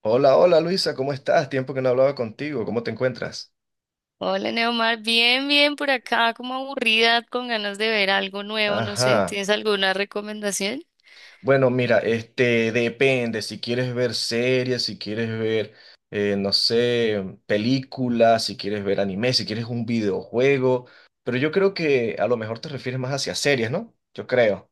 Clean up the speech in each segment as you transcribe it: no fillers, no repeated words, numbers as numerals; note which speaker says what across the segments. Speaker 1: Hola, hola Luisa, ¿cómo estás? Tiempo que no hablaba contigo, ¿cómo te encuentras?
Speaker 2: Hola Neomar, bien, bien por acá, como aburrida, con ganas de ver algo nuevo, no sé,
Speaker 1: Ajá.
Speaker 2: ¿tienes alguna recomendación?
Speaker 1: Bueno, mira, depende, si quieres ver series, si quieres ver, no sé, películas, si quieres ver anime, si quieres un videojuego, pero yo creo que a lo mejor te refieres más hacia series, ¿no? Yo creo,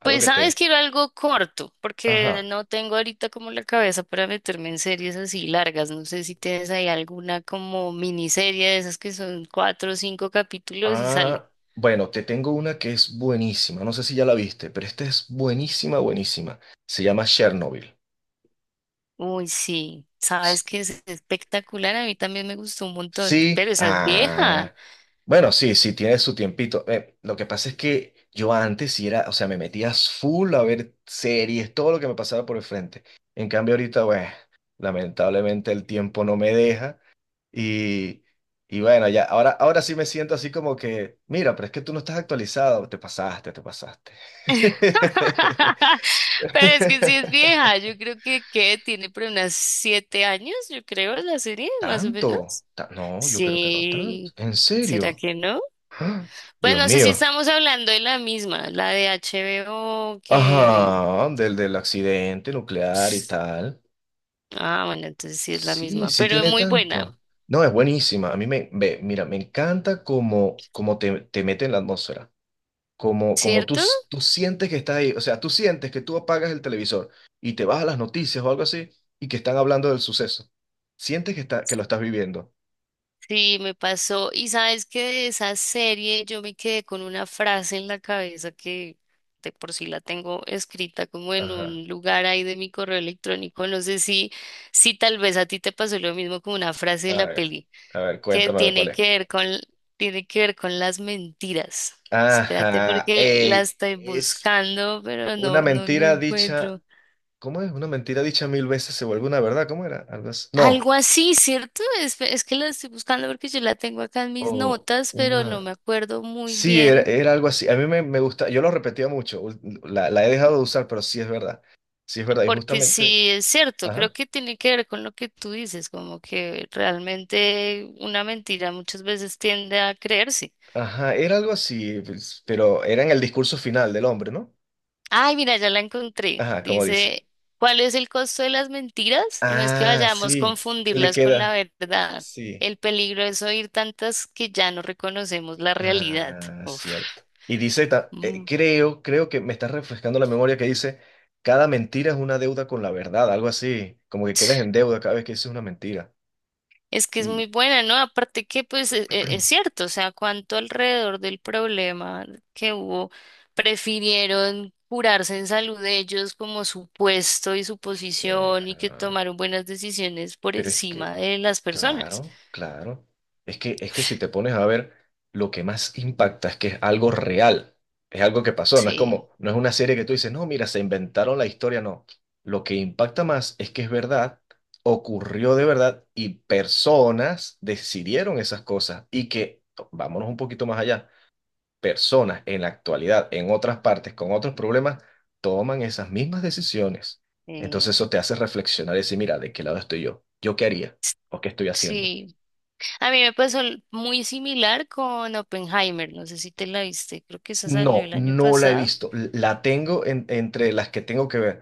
Speaker 1: algo
Speaker 2: Pues
Speaker 1: que
Speaker 2: sabes,
Speaker 1: te...
Speaker 2: quiero algo corto, porque
Speaker 1: Ajá.
Speaker 2: no tengo ahorita como la cabeza para meterme en series así largas, no sé si tienes ahí alguna como miniserie de esas que son cuatro o cinco capítulos y sale.
Speaker 1: Ah, bueno, te tengo una que es buenísima, no sé si ya la viste, pero esta es buenísima, buenísima. Se llama Chernobyl.
Speaker 2: Uy, sí, sabes
Speaker 1: S-
Speaker 2: que es espectacular, a mí también me gustó un montón,
Speaker 1: Sí,
Speaker 2: pero esa es
Speaker 1: ah.
Speaker 2: vieja.
Speaker 1: Bueno, sí, sí, tiene su tiempito. Lo que pasa es que yo antes sí era, o sea, me metía full a ver series, todo lo que me pasaba por el frente. En cambio, ahorita, bueno, lamentablemente el tiempo no me deja y, y bueno, ya, ahora sí me siento así como que, mira, pero es que tú no estás actualizado, te pasaste, te pasaste.
Speaker 2: Pero es que sí es vieja, yo creo que tiene por unas 7 años, yo creo, la serie, más o menos.
Speaker 1: ¿Tanto? No, yo creo que no tanto.
Speaker 2: Sí,
Speaker 1: ¿En
Speaker 2: ¿será
Speaker 1: serio?
Speaker 2: que no?
Speaker 1: ¡Ah!
Speaker 2: Pues
Speaker 1: Dios
Speaker 2: no sé si
Speaker 1: mío.
Speaker 2: estamos hablando de la misma, la de HBO que...
Speaker 1: Ajá, del accidente nuclear y tal.
Speaker 2: Ah, bueno, entonces sí es la
Speaker 1: Sí,
Speaker 2: misma,
Speaker 1: sí
Speaker 2: pero
Speaker 1: tiene
Speaker 2: muy buena,
Speaker 1: tanto. No, es buenísima. A mí me, ve, mira, me encanta cómo, cómo te, te mete en la atmósfera. Como, como tú,
Speaker 2: ¿cierto?
Speaker 1: tú sientes que estás ahí. O sea, tú sientes que tú apagas el televisor y te vas a las noticias o algo así y que están hablando del suceso. Sientes que, está, que lo estás viviendo.
Speaker 2: Sí, me pasó. Y sabes que de esa serie yo me quedé con una frase en la cabeza que de por sí la tengo escrita como en
Speaker 1: Ajá.
Speaker 2: un lugar ahí de mi correo electrónico. No sé si, si tal vez a ti te pasó lo mismo con una frase de
Speaker 1: A
Speaker 2: la
Speaker 1: ver,
Speaker 2: peli
Speaker 1: a ver,
Speaker 2: que
Speaker 1: cuéntame a ver cuál
Speaker 2: tiene
Speaker 1: es.
Speaker 2: que ver con, tiene que ver con las mentiras. Espérate
Speaker 1: Ajá.
Speaker 2: porque la
Speaker 1: Ey,
Speaker 2: estoy
Speaker 1: es
Speaker 2: buscando, pero
Speaker 1: una
Speaker 2: no, no, no
Speaker 1: mentira dicha.
Speaker 2: encuentro.
Speaker 1: ¿Cómo es? Una mentira dicha mil veces se vuelve una verdad. ¿Cómo era? Algo así. No.
Speaker 2: Algo así, ¿cierto? Es que la estoy buscando porque yo la tengo acá en mis
Speaker 1: O
Speaker 2: notas, pero no
Speaker 1: una...
Speaker 2: me acuerdo muy
Speaker 1: Sí, era,
Speaker 2: bien,
Speaker 1: era algo así. A mí me, me gusta, yo lo repetía mucho. La, la he dejado de usar, pero sí es verdad. Sí es verdad. Y
Speaker 2: porque
Speaker 1: justamente...
Speaker 2: sí es cierto, creo
Speaker 1: Ajá.
Speaker 2: que tiene que ver con lo que tú dices, como que realmente una mentira muchas veces tiende a creerse.
Speaker 1: Ajá, era algo así, pues, pero era en el discurso final del hombre, ¿no?
Speaker 2: Ay, mira, ya la encontré.
Speaker 1: Ajá, como dice.
Speaker 2: Dice, ¿cuál es el costo de las mentiras? No es que
Speaker 1: Ah,
Speaker 2: vayamos a
Speaker 1: sí. Le
Speaker 2: confundirlas con la
Speaker 1: queda.
Speaker 2: verdad.
Speaker 1: Sí.
Speaker 2: El peligro es oír tantas que ya no reconocemos la realidad.
Speaker 1: Ah,
Speaker 2: Uf.
Speaker 1: cierto. Y dice,
Speaker 2: Mm.
Speaker 1: creo, creo que me está refrescando la memoria que dice, cada mentira es una deuda con la verdad, algo así, como que quedas en deuda cada vez que dices una mentira.
Speaker 2: Es que es
Speaker 1: Y,
Speaker 2: muy buena, ¿no? Aparte que, pues, es, cierto, o sea, cuánto alrededor del problema que hubo prefirieron curarse en salud de ellos como su puesto y su posición y que
Speaker 1: ajá.
Speaker 2: tomaron buenas decisiones por
Speaker 1: Pero es
Speaker 2: encima
Speaker 1: que,
Speaker 2: de las personas.
Speaker 1: claro, claro. Es que si te pones a ver, lo que más impacta es que es algo real, es algo que pasó, no es
Speaker 2: Sí,
Speaker 1: como, no es una serie que tú dices, no, mira, se inventaron la historia, no. Lo que impacta más es que es verdad, ocurrió de verdad y personas decidieron esas cosas y que, vámonos un poquito más allá personas en la actualidad, en otras partes, con otros problemas, toman esas mismas decisiones. Entonces
Speaker 2: eh,
Speaker 1: eso te hace reflexionar y decir, mira, ¿de qué lado estoy yo? ¿Yo qué haría? ¿O qué estoy haciendo?
Speaker 2: sí. A mí me pasó muy similar con Oppenheimer, no sé si te la viste, creo que esa salió
Speaker 1: No,
Speaker 2: el año
Speaker 1: no la he
Speaker 2: pasado.
Speaker 1: visto. Entre las que tengo que ver,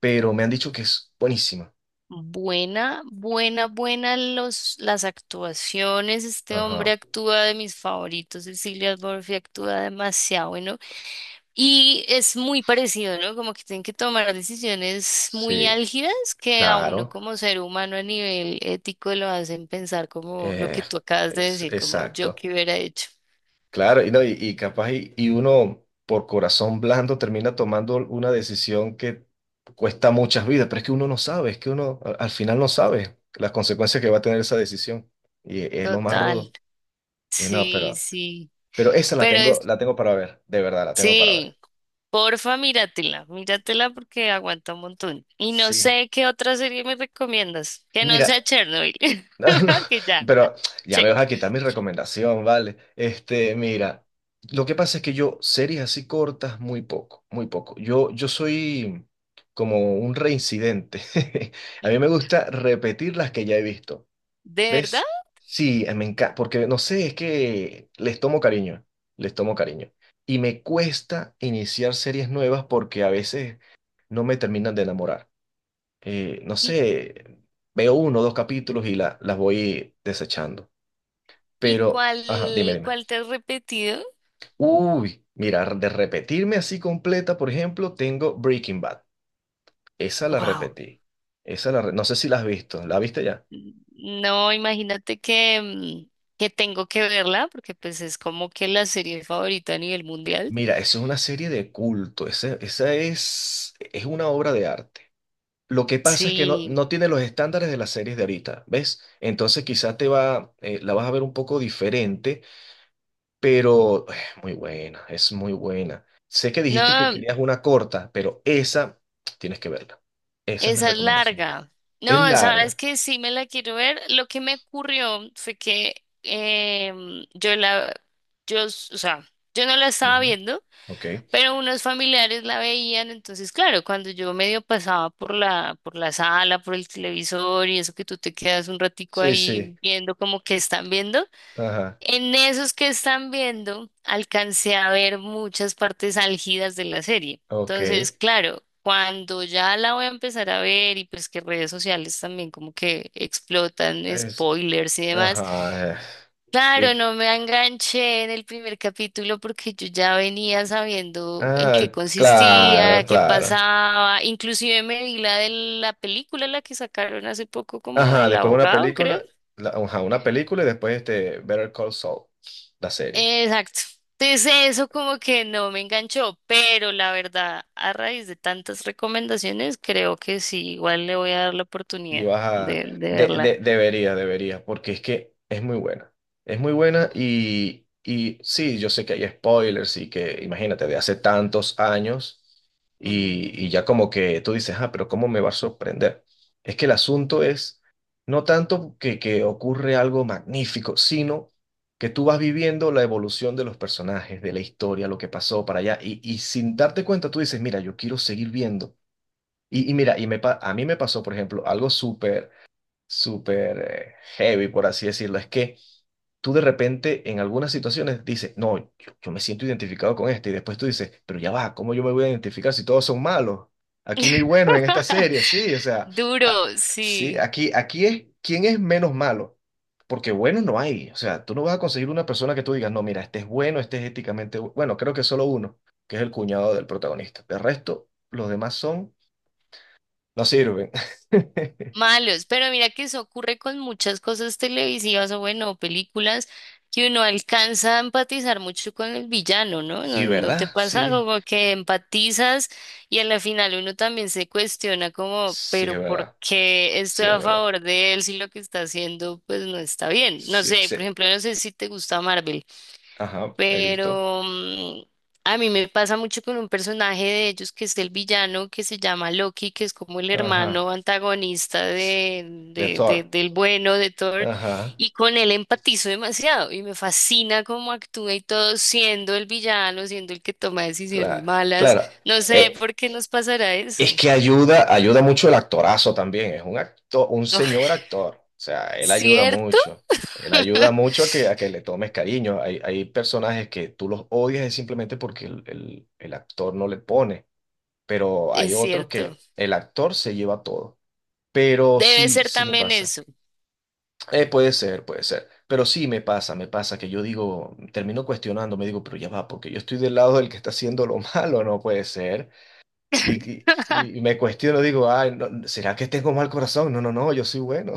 Speaker 1: pero me han dicho que es buenísima.
Speaker 2: Buena, buena, buena los, las actuaciones. Este hombre
Speaker 1: Ajá,
Speaker 2: actúa de mis favoritos. Cecilia Murphy actúa demasiado bueno. Y es muy parecido, ¿no? Como que tienen que tomar decisiones muy
Speaker 1: sí,
Speaker 2: álgidas que a uno
Speaker 1: claro.
Speaker 2: como ser humano a nivel ético lo hacen pensar como lo
Speaker 1: Eh,
Speaker 2: que tú acabas de
Speaker 1: es
Speaker 2: decir, como yo
Speaker 1: exacto.
Speaker 2: que hubiera hecho.
Speaker 1: Claro, y, no, y capaz y uno por corazón blando termina tomando una decisión que cuesta muchas vidas, pero es que uno no sabe, es que al final no sabe las consecuencias que va a tener esa decisión y es lo más
Speaker 2: Total.
Speaker 1: rudo. Y no,
Speaker 2: Sí, sí.
Speaker 1: pero esa
Speaker 2: Pero es,
Speaker 1: la tengo para ver, de verdad la tengo para ver.
Speaker 2: sí. Porfa, míratela, míratela porque aguanta un montón. Y no
Speaker 1: Sí.
Speaker 2: sé qué otra serie me recomiendas, que no
Speaker 1: Mira,
Speaker 2: sea Chernobyl,
Speaker 1: no, no,
Speaker 2: porque ya,
Speaker 1: pero ya me
Speaker 2: check.
Speaker 1: vas a quitar mi recomendación, ¿vale? Mira, lo que pasa es que yo series así cortas, muy poco, muy poco. Yo soy como un reincidente. A mí me gusta repetir las que ya he visto,
Speaker 2: ¿De verdad?
Speaker 1: ¿ves? Sí, me encanta, porque no sé, es que les tomo cariño, les tomo cariño. Y me cuesta iniciar series nuevas porque a veces no me terminan de enamorar, no
Speaker 2: ¿Y,
Speaker 1: sé, veo uno o dos capítulos y las voy desechando.
Speaker 2: y
Speaker 1: Pero,
Speaker 2: cuál,
Speaker 1: ajá, dime, dime.
Speaker 2: cuál te has repetido?
Speaker 1: Uy, mira, de repetirme así completa, por ejemplo, tengo Breaking Bad. Esa la
Speaker 2: Wow.
Speaker 1: repetí. No sé si la has visto. ¿La viste ya?
Speaker 2: No, imagínate que, que tengo que verla, porque pues es como que la serie favorita a nivel mundial.
Speaker 1: Mira, eso es una serie de culto. Esa es una obra de arte. Lo que pasa es que no,
Speaker 2: Sí.
Speaker 1: no tiene los estándares de las series de ahorita, ¿ves? Entonces quizás te va, la vas a ver un poco diferente, pero muy buena, es muy buena. Sé que dijiste que
Speaker 2: No,
Speaker 1: querías una corta, pero esa tienes que verla. Esa es mi
Speaker 2: esa es
Speaker 1: recomendación.
Speaker 2: larga.
Speaker 1: Es
Speaker 2: No, sabes
Speaker 1: larga.
Speaker 2: que sí me la quiero ver. Lo que me ocurrió fue que yo la, o sea, yo no la estaba
Speaker 1: Ujú.
Speaker 2: viendo,
Speaker 1: Ok.
Speaker 2: pero unos familiares la veían. Entonces, claro, cuando yo medio pasaba por por la sala, por el televisor y eso que tú te quedas un ratico
Speaker 1: Sí, sí.
Speaker 2: ahí viendo como que están viendo.
Speaker 1: Ajá.
Speaker 2: En esos que están viendo, alcancé a ver muchas partes álgidas de la serie.
Speaker 1: Ok.
Speaker 2: Entonces, claro, cuando ya la voy a empezar a ver y pues que redes sociales también como que explotan
Speaker 1: Es,
Speaker 2: spoilers y demás,
Speaker 1: ajá. Y-
Speaker 2: claro, no me enganché en el primer capítulo porque yo ya venía sabiendo en qué
Speaker 1: ah, claro,
Speaker 2: consistía, qué
Speaker 1: claro.
Speaker 2: pasaba, inclusive me vi la de la película, la que sacaron hace poco como
Speaker 1: Ajá,
Speaker 2: del
Speaker 1: después una
Speaker 2: abogado, creo.
Speaker 1: película, ajá, una película y después Better Call Saul, la serie.
Speaker 2: Exacto. Entonces eso como que no me enganchó, pero la verdad, a raíz de tantas recomendaciones, creo que sí, igual le voy a dar la
Speaker 1: Si
Speaker 2: oportunidad
Speaker 1: vas a...
Speaker 2: de
Speaker 1: De,
Speaker 2: verla.
Speaker 1: debería porque es que es muy buena. Es muy buena y sí, yo sé que hay spoilers y que, imagínate, de hace tantos años
Speaker 2: Mm.
Speaker 1: y ya como que tú dices, ah, pero ¿cómo me va a sorprender? Es que el asunto es no tanto que ocurre algo magnífico, sino que tú vas viviendo la evolución de los personajes, de la historia, lo que pasó para allá y sin darte cuenta tú dices, mira, yo quiero seguir viendo. Y mira, y me, a mí me pasó, por ejemplo, algo súper súper heavy, por así decirlo. Es que tú de repente en algunas situaciones dices, no, yo me siento identificado con este, y después tú dices, pero ya va, ¿cómo yo me voy a identificar si todos son malos? Aquí no hay buenos en esta serie, sí, o sea, a-
Speaker 2: Duro,
Speaker 1: sí,
Speaker 2: sí.
Speaker 1: aquí, aquí es quién es menos malo, porque buenos no hay, o sea, tú no vas a conseguir una persona que tú digas, no, mira, este es bueno, este es éticamente bueno, creo que solo uno, que es el cuñado del protagonista, de resto, los demás son, no sirven.
Speaker 2: Malos, pero mira que eso ocurre con muchas cosas televisivas o bueno, películas que uno alcanza a empatizar mucho con el villano, ¿no? ¿No,
Speaker 1: Sí,
Speaker 2: no te
Speaker 1: ¿verdad?
Speaker 2: pasa
Speaker 1: Sí.
Speaker 2: como que empatizas y a la final uno también se cuestiona como,
Speaker 1: Sí,
Speaker 2: pero
Speaker 1: es
Speaker 2: ¿por
Speaker 1: verdad.
Speaker 2: qué
Speaker 1: Sí,
Speaker 2: estoy
Speaker 1: es
Speaker 2: a
Speaker 1: verdad.
Speaker 2: favor de él si lo que está haciendo pues no está bien? No
Speaker 1: Sí,
Speaker 2: sé,
Speaker 1: sí.
Speaker 2: por ejemplo, no sé si te gusta Marvel.
Speaker 1: Ajá, he visto.
Speaker 2: Pero a mí me pasa mucho con un personaje de ellos que es el villano que se llama Loki, que es como el
Speaker 1: Ajá.
Speaker 2: hermano antagonista
Speaker 1: S- De Thor.
Speaker 2: del bueno de Thor,
Speaker 1: Ajá.
Speaker 2: y con él empatizo demasiado y me fascina cómo actúa y todo, siendo el villano, siendo el que toma decisiones
Speaker 1: Claro.
Speaker 2: malas.
Speaker 1: Claro.
Speaker 2: No sé
Speaker 1: Eh,
Speaker 2: por qué nos pasará
Speaker 1: es
Speaker 2: eso.
Speaker 1: que ayuda, ayuda mucho el actorazo también. Es un actor, un señor actor. O sea, él ayuda
Speaker 2: ¿Cierto?
Speaker 1: mucho. Él ayuda mucho a que le tomes cariño. Hay personajes que tú los odias es simplemente porque el, el actor no le pone. Pero hay
Speaker 2: Es
Speaker 1: otros
Speaker 2: cierto.
Speaker 1: que el actor se lleva todo. Pero
Speaker 2: Debe
Speaker 1: sí,
Speaker 2: ser
Speaker 1: sí me
Speaker 2: también
Speaker 1: pasa.
Speaker 2: eso.
Speaker 1: Puede ser, puede ser. Pero sí me pasa que yo digo, termino cuestionando, me digo, pero ya va, porque yo estoy del lado del que está haciendo lo malo, no puede ser. Y me cuestiono, digo, ay, no, ¿será que tengo mal corazón? No, no, no, yo soy bueno.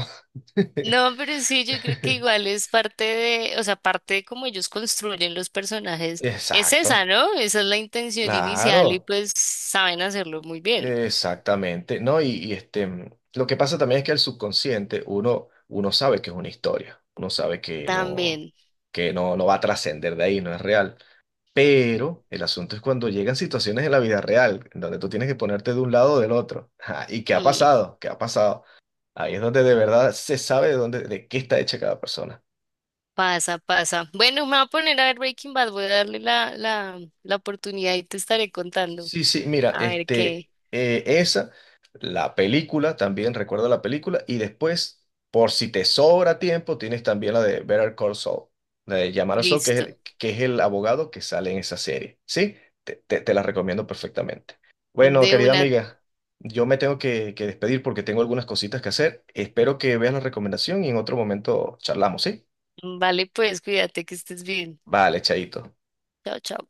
Speaker 2: No, pero sí, yo creo que igual es parte de, o sea, parte de cómo ellos construyen los personajes. Es
Speaker 1: Exacto,
Speaker 2: esa, ¿no? Esa es la intención inicial y
Speaker 1: claro,
Speaker 2: pues saben hacerlo muy bien.
Speaker 1: exactamente, ¿no? Y, lo que pasa también es que el subconsciente, uno, uno sabe que es una historia, uno sabe
Speaker 2: También.
Speaker 1: que no, no va a trascender de ahí, no es real. Pero el asunto es cuando llegan situaciones en la vida real, en donde tú tienes que ponerte de un lado o del otro. Ajá, ¿y qué ha
Speaker 2: mm,
Speaker 1: pasado? ¿Qué ha pasado? Ahí es donde de verdad se sabe de dónde, de qué está hecha cada persona.
Speaker 2: pasa, pasa. Bueno, me voy a poner a ver Breaking Bad, voy a darle la oportunidad y te estaré contando.
Speaker 1: Sí, sí, mira,
Speaker 2: A ver qué.
Speaker 1: esa, la película, también recuerda la película, y después, por si te sobra tiempo, tienes también la de Better Call Saul, la de Llamar a Saul,
Speaker 2: Listo.
Speaker 1: que es el abogado que sale en esa serie, ¿sí? Te la recomiendo perfectamente. Bueno,
Speaker 2: De
Speaker 1: querida
Speaker 2: una.
Speaker 1: amiga, yo me tengo que despedir porque tengo algunas cositas que hacer. Espero que veas la recomendación y en otro momento charlamos, ¿sí?
Speaker 2: Vale, pues cuídate que estés bien.
Speaker 1: Vale, chaito.
Speaker 2: Chao, chao.